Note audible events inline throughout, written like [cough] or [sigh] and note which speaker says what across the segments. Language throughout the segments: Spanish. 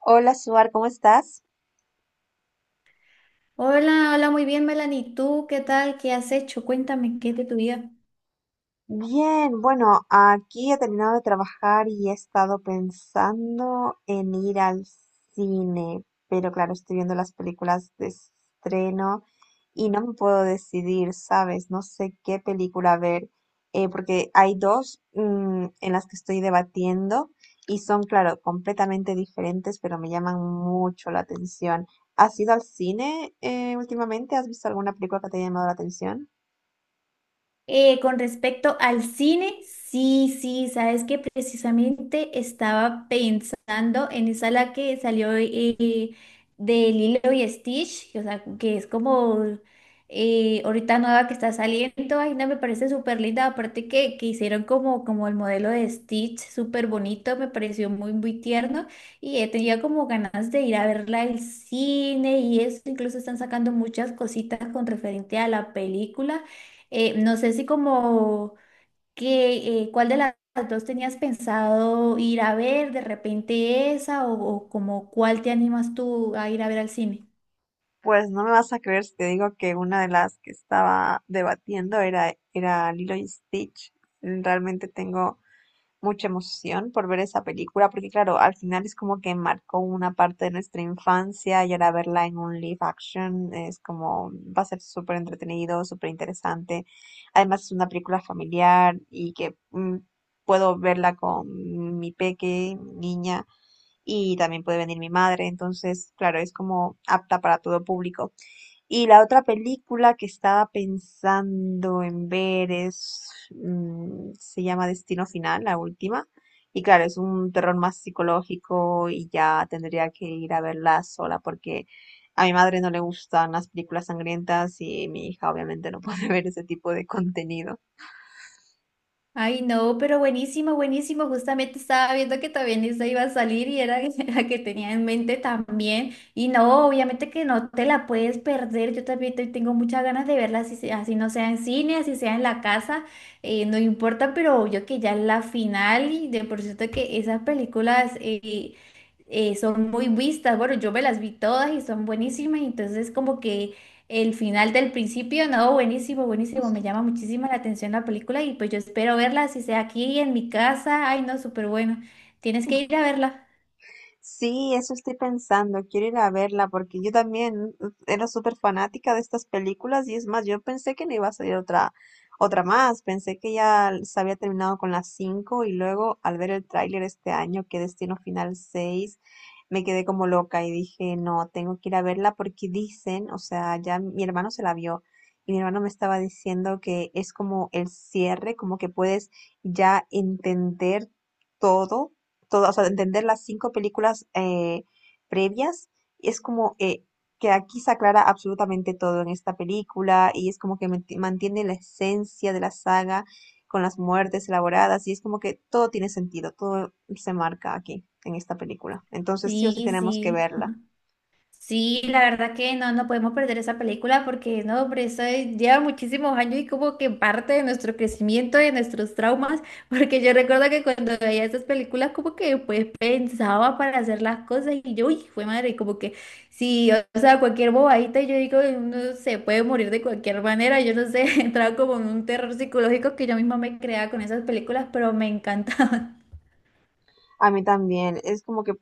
Speaker 1: Hola, Suar, ¿cómo estás?
Speaker 2: Hola, hola, muy bien, Melanie. ¿Tú qué tal? ¿Qué has hecho? Cuéntame, ¿qué es de tu vida?
Speaker 1: Bien, bueno, aquí he terminado de trabajar y he estado pensando en ir al cine, pero claro, estoy viendo las películas de estreno y no me puedo decidir, ¿sabes? No sé qué película ver, porque hay dos en las que estoy debatiendo y son, claro, completamente diferentes, pero me llaman mucho la atención. ¿Has ido al cine últimamente? ¿Has visto alguna película que te haya llamado la atención?
Speaker 2: Con respecto al cine, sí, sí, sabes que precisamente estaba pensando en esa la que salió de Lilo y Stitch, o sea, que es como ahorita nueva que está saliendo, ay, no, me parece súper linda, aparte que hicieron como, como el modelo de Stitch, súper bonito, me pareció muy, muy tierno y he tenido como ganas de ir a verla al cine y eso, incluso están sacando muchas cositas con referente a la película. No sé si como que cuál de las dos tenías pensado ir a ver, de repente esa, o como cuál te animas tú a ir a ver al cine.
Speaker 1: Pues no me vas a creer si te digo que una de las que estaba debatiendo era Lilo y Stitch. Realmente tengo mucha emoción por ver esa película, porque claro, al final es como que marcó una parte de nuestra infancia y ahora verla en un live action es como, va a ser súper entretenido, súper interesante. Además es una película familiar y que puedo verla con mi peque, mi niña, y también puede venir mi madre, entonces, claro, es como apta para todo público. Y la otra película que estaba pensando en ver es, se llama Destino Final, la última. Y claro, es un terror más psicológico y ya tendría que ir a verla sola porque a mi madre no le gustan las películas sangrientas y mi hija obviamente no puede [laughs] ver ese tipo de contenido.
Speaker 2: Ay, no, pero buenísimo, buenísimo. Justamente estaba viendo que también esa iba a salir y era [laughs] la que tenía en mente también. Y no, obviamente que no te la puedes perder. Yo también tengo muchas ganas de verla, así, así no sea en cine, así sea en la casa, no importa, pero yo que ya es la final y de por cierto que esas películas son muy vistas. Bueno, yo me las vi todas y son buenísimas, entonces como que... El final del principio, no, buenísimo, buenísimo, me llama muchísimo la atención la película y pues yo espero verla, si sea aquí en mi casa, ay no, súper bueno, tienes que ir a verla.
Speaker 1: Sí, eso estoy pensando, quiero ir a verla porque yo también era súper fanática de estas películas y es más, yo pensé que no iba a salir otra más, pensé que ya se había terminado con las 5 y luego al ver el tráiler este año, ¿que Destino Final 6? Me quedé como loca y dije, no, tengo que ir a verla porque dicen, o sea, ya mi hermano se la vio y mi hermano me estaba diciendo que es como el cierre, como que puedes ya entender todo todas, o sea, entender las 5 películas previas, y es como que aquí se aclara absolutamente todo en esta película y es como que mantiene la esencia de la saga con las muertes elaboradas y es como que todo tiene sentido, todo se marca aquí en esta película. Entonces sí o sí
Speaker 2: Sí,
Speaker 1: tenemos que
Speaker 2: sí.
Speaker 1: verla.
Speaker 2: Sí, la verdad que no, no podemos perder esa película porque no, hombre, lleva muchísimos años y como que parte de nuestro crecimiento, de nuestros traumas, [laughs] porque yo recuerdo que cuando veía esas películas como que pues pensaba para hacer las cosas y yo, uy, fue madre, como que sí, o sea, cualquier bobadita, yo digo, uno se puede morir de cualquier manera, yo no sé, [laughs] entraba como en un terror psicológico que yo misma me creaba con esas películas, pero me encantaba.
Speaker 1: A mí también. Es como que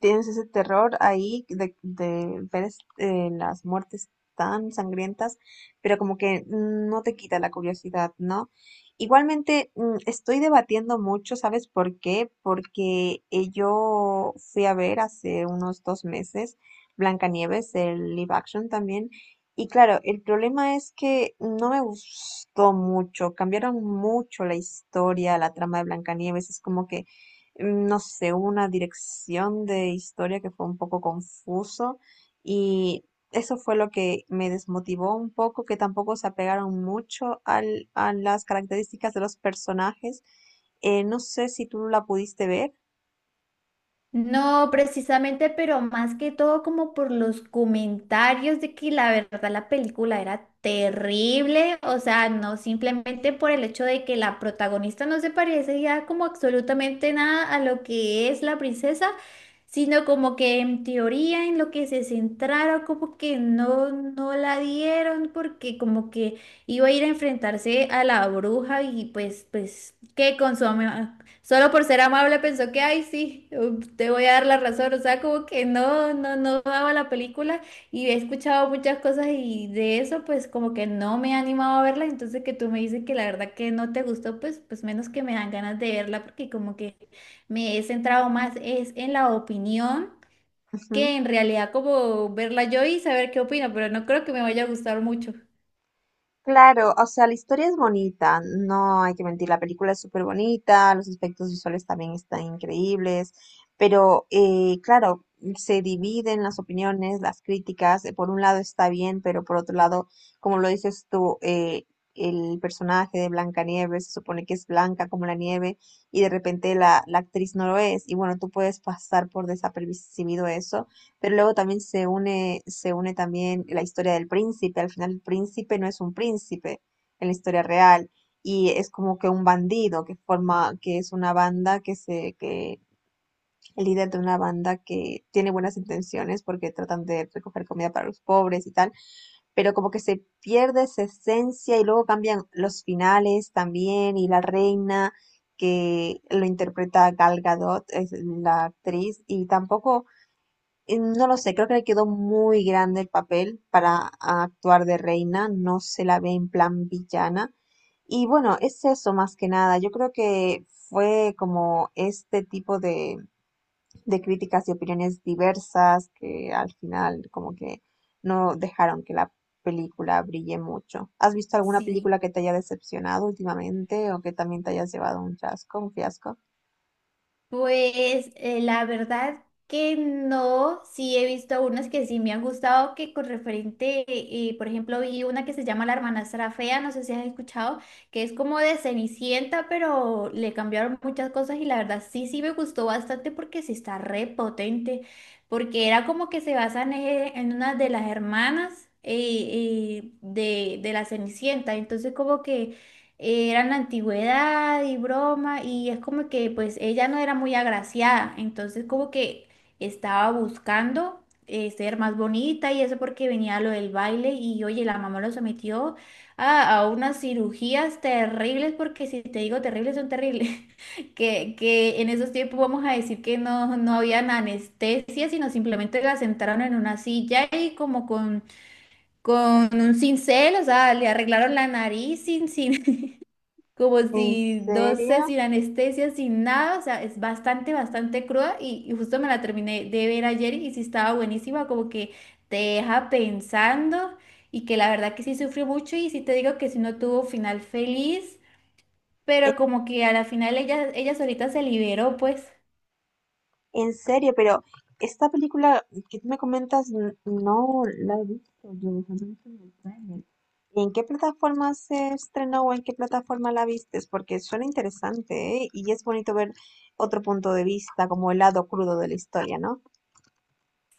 Speaker 1: tienes ese terror ahí de ver las muertes tan sangrientas, pero como que no te quita la curiosidad, ¿no? Igualmente, estoy debatiendo mucho, ¿sabes por qué? Porque yo fui a ver hace unos 2 meses Blancanieves, el live action también. Y claro, el problema es que no me gustó mucho, cambiaron mucho la historia, la trama de Blancanieves, es como que no sé, hubo una dirección de historia que fue un poco confuso y eso fue lo que me desmotivó un poco, que tampoco se apegaron mucho a las características de los personajes. No sé si tú la pudiste ver.
Speaker 2: No, precisamente, pero más que todo como por los comentarios de que la verdad la película era terrible, o sea, no simplemente por el hecho de que la protagonista no se parece ya como absolutamente nada a lo que es la princesa, sino como que en teoría en lo que se centraron como que no, no la dieron porque como que iba a ir a enfrentarse a la bruja y pues, pues, que con su, solo por ser amable pensó que, ay, sí, te voy a dar la razón. O sea, como que no, no, no daba la película y he escuchado muchas cosas y de eso, pues como que no me he animado a verla. Entonces que tú me dices que la verdad que no te gustó, pues, pues menos que me dan ganas de verla porque como que me he centrado más es en la opinión que en
Speaker 1: [laughs]
Speaker 2: realidad como verla yo y saber qué opino, pero no creo que me vaya a gustar mucho.
Speaker 1: Claro, o sea, la historia es bonita, no hay que mentir, la película es súper bonita, los aspectos visuales también están increíbles, pero claro, se dividen las opiniones, las críticas, por un lado está bien, pero por otro lado, como lo dices tú, el personaje de Blancanieves se supone que es blanca como la nieve y de repente la actriz no lo es, y bueno, tú puedes pasar por desapercibido eso, pero luego también se une también la historia del príncipe. Al final el príncipe no es un príncipe en la historia real y es como que un bandido que es una banda que el líder de una banda que tiene buenas intenciones porque tratan de recoger comida para los pobres y tal, pero como que se pierde esa esencia y luego cambian los finales también y la reina que lo interpreta Gal Gadot, es la actriz, y tampoco no lo sé, creo que le quedó muy grande el papel para actuar de reina, no se la ve en plan villana. Y bueno, es eso más que nada. Yo creo que fue como este tipo de críticas y opiniones diversas que al final como que no dejaron que la película brille mucho. ¿Has visto alguna
Speaker 2: Sí.
Speaker 1: película que te haya decepcionado últimamente o que también te hayas llevado un chasco, un fiasco?
Speaker 2: Pues la verdad que no, sí he visto unas que sí me han gustado, que con referente, por ejemplo, vi una que se llama La Hermanastra Fea, no sé si has escuchado, que es como de Cenicienta, pero le cambiaron muchas cosas y la verdad sí, sí me gustó bastante porque sí está re potente, porque era como que se basan en una de las hermanas de la Cenicienta, entonces como que... Era en la antigüedad y broma, y es como que pues ella no era muy agraciada, entonces como que estaba buscando ser más bonita y eso porque venía lo del baile y oye, la mamá lo sometió a unas cirugías terribles, porque si te digo terribles son terribles, [laughs] que en esos tiempos vamos a decir que no, no habían anestesia, sino simplemente la sentaron en una silla y como con un cincel, o sea, le arreglaron la nariz sin, sin como
Speaker 1: ¿En
Speaker 2: si, no sé,
Speaker 1: serio?
Speaker 2: sin anestesia, sin nada, o sea, es bastante, bastante cruda y justo me la terminé de ver ayer y sí estaba buenísima, como que te deja pensando y que la verdad que sí sufrió mucho y sí te digo que sí no tuvo final feliz, pero como que a la final ella, ella solita se liberó, pues.
Speaker 1: En serio, pero esta película que tú me comentas, no la he visto yo, solo he visto el tráiler. ¿Y en qué plataforma se estrenó o en qué plataforma la vistes? Porque suena interesante, ¿eh? Y es bonito ver otro punto de vista, como el lado crudo de la historia, ¿no?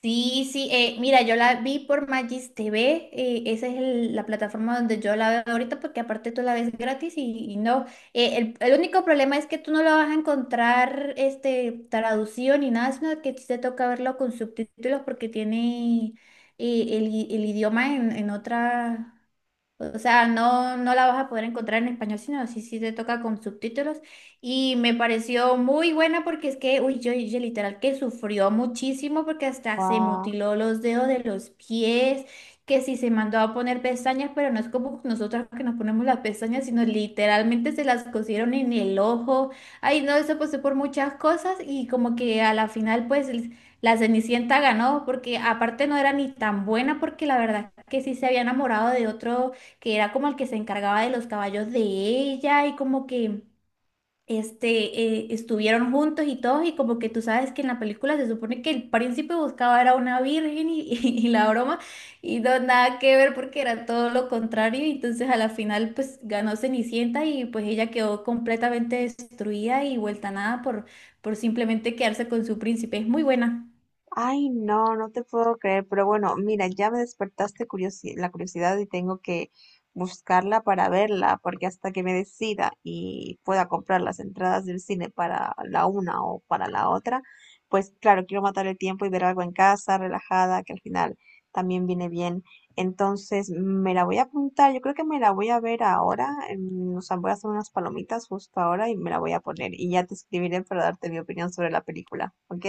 Speaker 2: Sí, sí, mira, yo la vi por Magis TV, esa es la plataforma donde yo la veo ahorita porque aparte tú la ves gratis y no, el único problema es que tú no la vas a encontrar este, traducido ni nada, sino que sí te toca verlo con subtítulos porque tiene el idioma en otra, o sea, no, no la vas a poder encontrar en español, sino sí, sí te toca con subtítulos. Y me pareció muy buena porque es que, uy, yo literal que sufrió muchísimo porque hasta se mutiló los dedos de los pies, que sí se mandó a poner pestañas, pero no es como nosotras que nos ponemos las pestañas, sino literalmente se las cosieron en el ojo. Ay, no, eso pasó por muchas cosas y como que a la final, pues... La Cenicienta ganó porque aparte no era ni tan buena porque la verdad que sí se había enamorado de otro que era como el que se encargaba de los caballos de ella y como que este, estuvieron juntos y todos y como que tú sabes que en la película se supone que el príncipe buscaba era una virgen y, [laughs] y la broma y no nada que ver porque era todo lo contrario y entonces a la final pues ganó Cenicienta y pues ella quedó completamente destruida y vuelta a nada por, por simplemente quedarse con su príncipe. Es muy buena.
Speaker 1: Ay, no, no te puedo creer, pero bueno, mira, ya me despertaste la curiosidad y tengo que buscarla para verla, porque hasta que me decida y pueda comprar las entradas del cine para la una o para la otra, pues claro, quiero matar el tiempo y ver algo en casa, relajada, que al final también viene bien. Entonces, me la voy a apuntar, yo creo que me la voy a ver ahora, o sea, voy a hacer unas palomitas justo ahora y me la voy a poner y ya te escribiré para darte mi opinión sobre la película, ¿ok?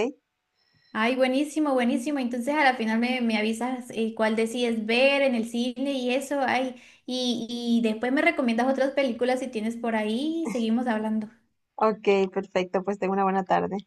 Speaker 2: Ay, buenísimo, buenísimo. Entonces a la final me, me avisas cuál decides ver en el cine y eso. Ay, y, y después me recomiendas otras películas si tienes por ahí y seguimos hablando.
Speaker 1: Ok, perfecto. Pues tengo una buena tarde.